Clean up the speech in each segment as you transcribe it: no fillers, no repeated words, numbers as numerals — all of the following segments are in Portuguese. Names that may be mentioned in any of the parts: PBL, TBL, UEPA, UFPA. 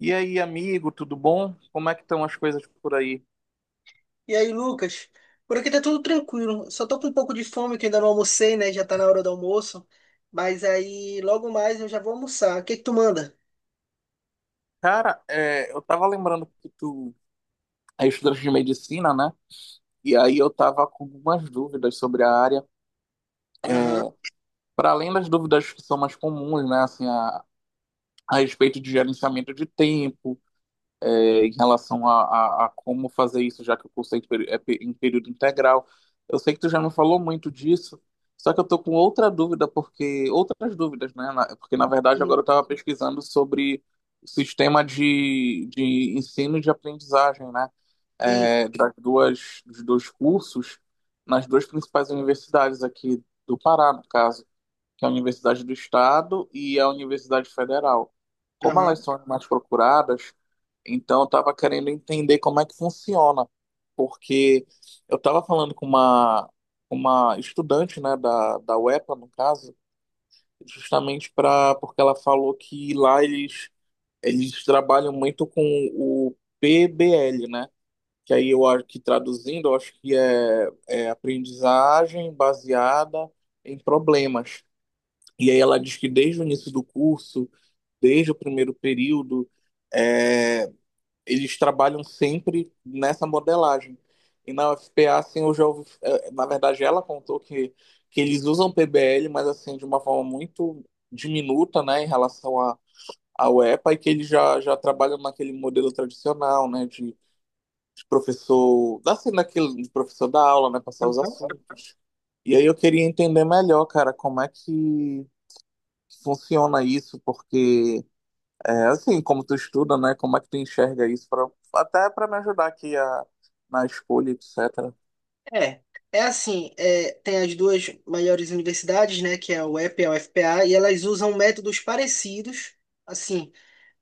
E aí, amigo, tudo bom? Como é que estão as coisas por aí? E aí, Lucas? Por aqui tá tudo tranquilo. Só tô com um pouco de fome, que ainda não almocei, né? Já tá na hora do almoço. Mas aí, logo mais eu já vou almoçar. O que que tu manda? Cara, eu tava lembrando que tu é estudante de medicina, né? E aí eu tava com algumas dúvidas sobre a área, Aham. para além das dúvidas que são mais comuns, né? Assim, a respeito de gerenciamento de tempo, em relação a como fazer isso, já que o curso é em período integral. Eu sei que tu já me falou muito disso, só que eu tô com outra dúvida, porque outras dúvidas, né? Porque na verdade agora eu Uhum. estava pesquisando sobre o sistema de ensino e de aprendizagem, né? Isso. Dos dois cursos nas duas principais universidades aqui do Pará, no caso que é a Universidade do Estado e a Universidade Federal. Como elas Aham. são as mais procuradas, então eu estava querendo entender como é que funciona, porque eu estava falando com uma estudante, né, da UEPA, no caso, justamente para porque ela falou que lá eles trabalham muito com o PBL, né? Que aí eu acho que traduzindo, eu acho que é aprendizagem baseada em problemas. E aí ela diz que desde o início do curso, desde o primeiro período, é, eles trabalham sempre nessa modelagem. E na UFPA, assim, eu já ouvi, na verdade, ela contou que eles usam PBL, mas assim, de uma forma muito diminuta, né, em relação à UEPA, e P A, e que eles já trabalham naquele modelo tradicional, né, de professor, assim, naquele, de professor da aula, né, passar os Aham. assuntos. E aí eu queria entender melhor, cara, como é que funciona isso? Porque, assim, como tu estuda, né? Como é que tu enxerga isso? Até para me ajudar aqui na escolha, etc. É. Tem as duas maiores universidades, né? Que é a UEP e P e a UFPA, e elas usam métodos parecidos, assim,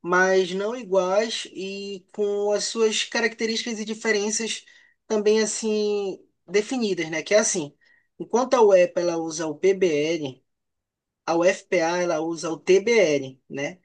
mas não iguais e com as suas características e diferenças também assim definidas, né? Enquanto a UEPA ela usa o PBL, a UFPA ela usa o TBL, né?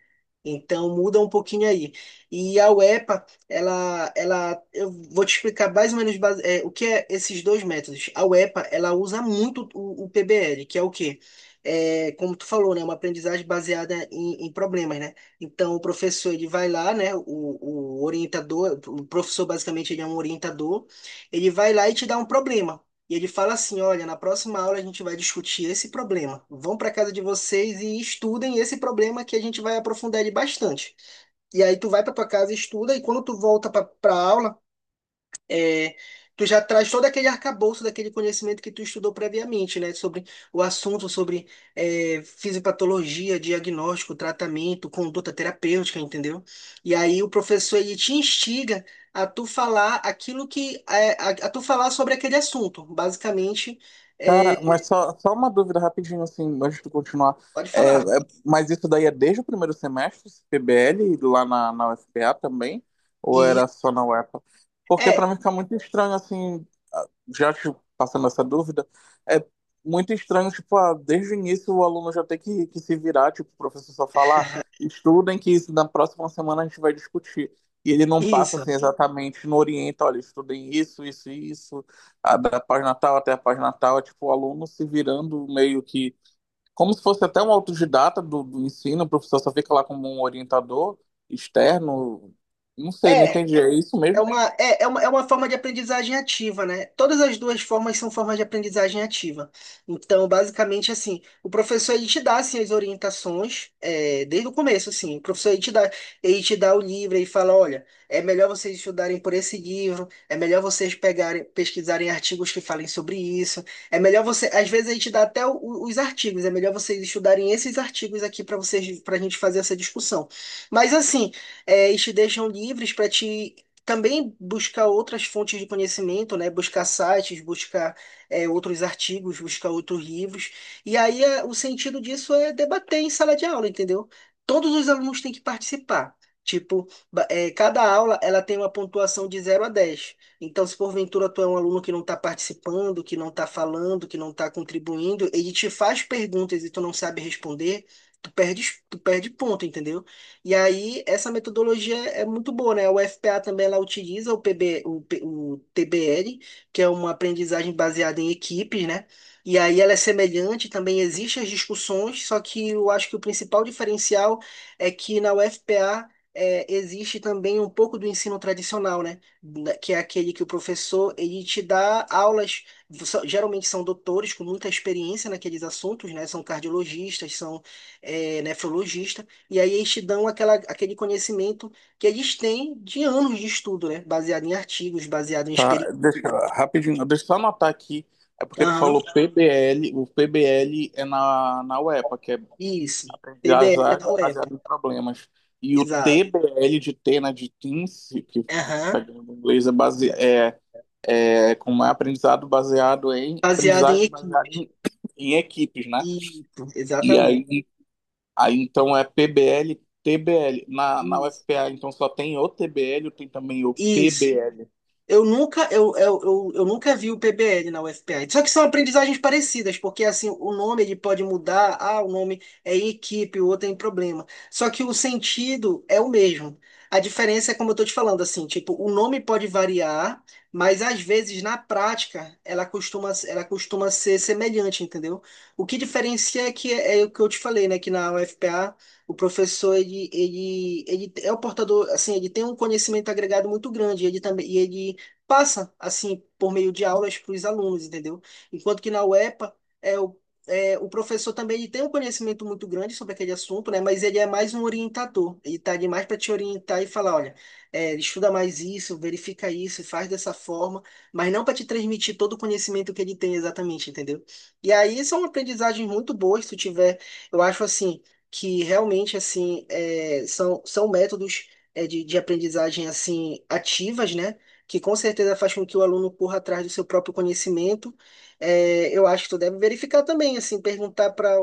Então muda um pouquinho aí. E a UEPA, eu vou te explicar mais ou menos o que é esses dois métodos. A UEPA, ela usa muito o PBL, que é o quê? Como tu falou, né, uma aprendizagem baseada em problemas, né? Então o professor ele vai lá, né? O orientador, o professor basicamente ele é um orientador, ele vai lá e te dá um problema. E ele fala assim: olha, na próxima aula a gente vai discutir esse problema. Vão para casa de vocês e estudem esse problema que a gente vai aprofundar ele bastante. E aí tu vai para tua casa, estuda, e quando tu volta para a aula, é, tu já traz todo aquele arcabouço daquele conhecimento que tu estudou previamente, né? Sobre o assunto, sobre fisiopatologia, diagnóstico, tratamento, conduta terapêutica, entendeu? E aí o professor ele te instiga a tu falar aquilo a tu falar sobre aquele assunto. Basicamente, Cara, é, mas só uma dúvida rapidinho, assim, antes de continuar. pode É, é- falar. mas isso daí é desde o primeiro semestre, esse PBL, lá na UFPA também? Ou E era isso- só na UEPA? Porque para é mim fica muito estranho, assim, ah, já te passando essa dúvida, é muito estranho, tipo, desde o início o aluno já tem que se virar, tipo, o professor só falar, estudem que isso na próxima semana a gente vai discutir. E ele não passa, isso. assim, exatamente, não orienta, olha, estudem isso, isso e isso da página tal até a página tal, é tipo o aluno se virando meio que como se fosse até um autodidata do ensino, o professor só fica lá como um orientador externo. Não sei, não É, entendi. É isso É mesmo? uma, é uma, é uma forma de aprendizagem ativa, né? Todas as duas formas são formas de aprendizagem ativa. Então, basicamente, assim, o professor ele te dá assim, as orientações desde o começo, assim. O professor ele te dá o livro e fala, olha, é melhor vocês estudarem por esse livro, é melhor vocês pegarem, pesquisarem artigos que falem sobre isso, é melhor você, às vezes ele te dá até os artigos, é melhor vocês estudarem esses artigos aqui para vocês, para a gente fazer essa discussão. Mas assim, eles te deixam livres para te também buscar outras fontes de conhecimento, né? Buscar sites, buscar outros artigos, buscar outros livros. E o sentido disso é debater em sala de aula, entendeu? Todos os alunos têm que participar. Tipo, cada aula ela tem uma pontuação de zero a 10. Então, se porventura tu é um aluno que não está participando, que não está falando, que não está contribuindo, ele te faz perguntas e tu não sabe responder, tu perde, tu perde ponto, entendeu? E aí, essa metodologia é muito boa, né? O FPA também ela utiliza o, PB, o, P- o TBL, que é uma aprendizagem baseada em equipes, né? E aí ela é semelhante, também existem as discussões, só que eu acho que o principal diferencial é que na UFPA existe também um pouco do ensino tradicional, né? Que é aquele que o professor ele te dá aulas, geralmente são doutores com muita experiência naqueles assuntos, né? São cardiologistas, são nefrologistas. E aí eles te dão aquele conhecimento que eles têm de anos de estudo, né? Baseado em artigos, baseado em Tá, experiência. Rapidinho, deixa eu só anotar aqui. É porque tu Aham, falou PBL, o PBL é na UEPA, que é isso. PBL é da aprendizagem UEPA. baseada em problemas. E o Exato. TBL de Tena de Teams, que Aham. pegando em inglês, com um aprendizado baseado em Baseado em aprendizagem baseada equipes. Em equipes, né? Isso, E exatamente. aí, então é PBL, TBL. Na Isso. UFPA, então só tem o TBL, tem também o Isso. PBL. Eu nunca vi o PBL na UFPA. Só que são aprendizagens parecidas, porque assim, o nome ele pode mudar, ah, o nome é em equipe, o outro é em problema. Só que o sentido é o mesmo. A diferença é como eu tô te falando, assim, tipo, o nome pode variar, mas às vezes na prática ela costuma ser semelhante, entendeu? O que diferencia é o que eu te falei, né, que na UFPA o professor, ele é o portador, assim, ele tem um conhecimento agregado muito grande, ele também, e ele passa, assim, por meio de aulas para os alunos, entendeu? Enquanto que na UEPA, é, o, o professor também ele tem um conhecimento muito grande sobre aquele assunto, né? Mas ele é mais um orientador. Ele está ali mais para te orientar e falar, olha, estuda mais isso, verifica isso, faz dessa forma, mas não para te transmitir todo o conhecimento que ele tem exatamente, entendeu? E aí são aprendizagens muito boas, se tu tiver, eu acho assim, que realmente, assim, são métodos de aprendizagem, assim, ativas, né? Que com certeza faz com que o aluno corra atrás do seu próprio conhecimento. É, eu acho que tu deve verificar também, assim,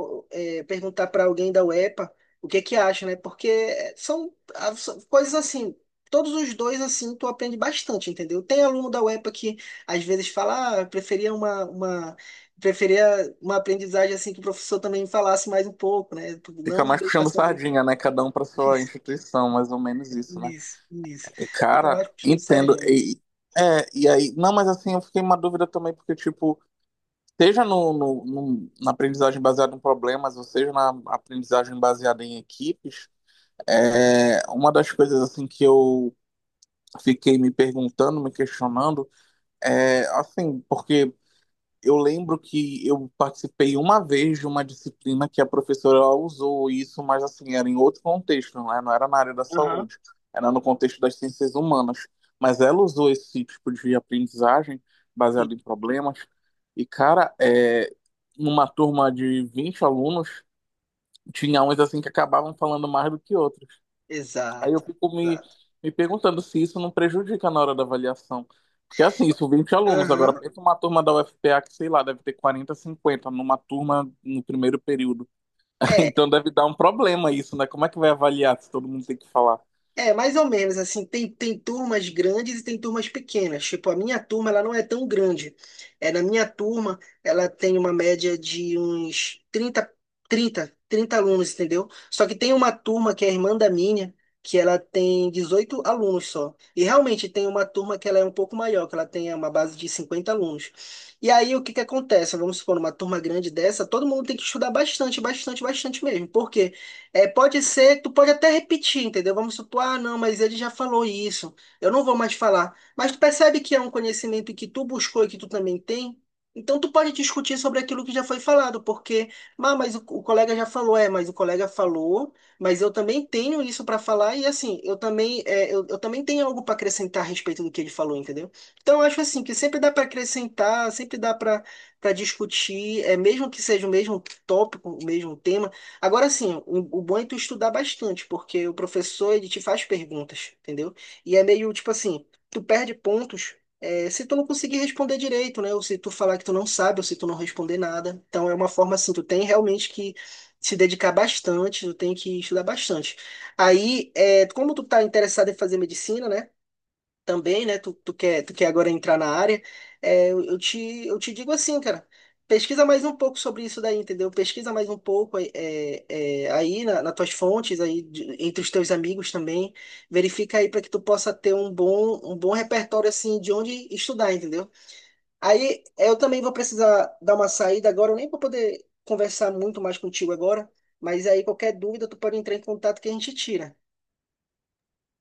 perguntar para alguém da UEPA o que que acha, né? Porque são, ah, são coisas assim. Todos os dois, assim, tu aprende bastante, entendeu? Tem aluno da UEPA que às vezes fala, ah, eu preferia preferia uma aprendizagem assim que o professor também falasse mais um pouco, né? Fica Não mais deixar puxando só sardinha, né? Cada um para sua isso, instituição, mais ou menos isso, né? isso, isso. E, Fica cara, mais puxando entendo. sardinha. E, e aí, não, mas assim, eu fiquei uma dúvida também, porque, tipo, seja na aprendizagem baseada em problemas, ou seja na aprendizagem baseada em equipes. Uma das coisas assim que eu fiquei me perguntando, me questionando, é assim, porque eu lembro que eu participei uma vez de uma disciplina que a professora ela usou isso, mas assim, era em outro contexto, né? Não era na área da Aham. saúde, era no contexto das ciências humanas. Mas ela usou esse tipo de aprendizagem baseado em problemas. E, cara, numa turma de 20 alunos, tinha uns assim que acabavam falando mais do que outros. Aí eu Exato, fico exato. me perguntando se isso não prejudica na hora da avaliação. Porque assim, isso 20 alunos. Agora Aham. pensa uma turma da UFPA que, sei lá, deve ter 40, 50 numa turma no primeiro período. É, Então deve dar um problema isso, né? Como é que vai avaliar se todo mundo tem que falar? é mais ou menos assim, tem, tem turmas grandes e tem turmas pequenas. Tipo, a minha turma, ela não é tão grande. É, na minha turma, ela tem uma média de uns 30 trinta alunos, entendeu? Só que tem uma turma que é a irmã da minha, que ela tem 18 alunos só. E realmente tem uma turma que ela é um pouco maior, que ela tem uma base de 50 alunos. E aí, o que que acontece? Vamos supor, uma turma grande dessa, todo mundo tem que estudar bastante, bastante, bastante mesmo. Porque é, pode ser, tu pode até repetir, entendeu? Vamos supor, ah, não, mas ele já falou isso, eu não vou mais falar. Mas tu percebe que é um conhecimento que tu buscou e que tu também tem? Então tu pode discutir sobre aquilo que já foi falado, porque, ah, o colega já falou, é, mas o colega falou, mas eu também tenho isso para falar e assim, eu também, eu também tenho algo para acrescentar a respeito do que ele falou, entendeu? Então eu acho assim que sempre dá para acrescentar, sempre dá para discutir, é mesmo que seja o mesmo tópico, o mesmo tema. Agora, assim, o bom é tu estudar bastante, porque o professor, ele te faz perguntas, entendeu? E é meio, tipo assim, tu perde pontos, é, se tu não conseguir responder direito, né? Ou se tu falar que tu não sabe, ou se tu não responder nada. Então, é uma forma, assim, tu tem realmente que se dedicar bastante, tu tem que estudar bastante. Aí, é, como tu tá interessado em fazer medicina, né? Também, né? Tu quer agora entrar na área, é, eu, eu te, eu te digo assim, cara, pesquisa mais um pouco sobre isso daí, entendeu? Pesquisa mais um pouco aí nas tuas fontes, entre os teus amigos também, verifica aí para que tu possa ter um bom repertório assim de onde estudar, entendeu? Aí eu também vou precisar dar uma saída agora, eu nem vou poder conversar muito mais contigo agora, mas aí qualquer dúvida tu pode entrar em contato que a gente tira,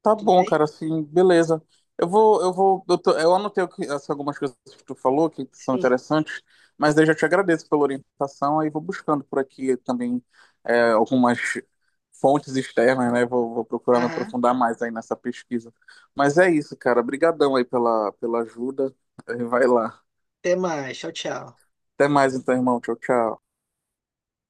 Tá tudo bom, bem? cara, assim, beleza. Eu vou, eu vou, eu, tô- Eu anotei algumas coisas que tu falou que são Sim. interessantes, mas eu já te agradeço pela orientação, aí vou buscando por aqui também algumas fontes externas, né? Vou procurar me Aham. aprofundar mais aí nessa pesquisa. Mas é isso, cara. Obrigadão aí pela ajuda. Vai lá. Até mais, tchau, tchau. Até mais então, irmão. Tchau, tchau.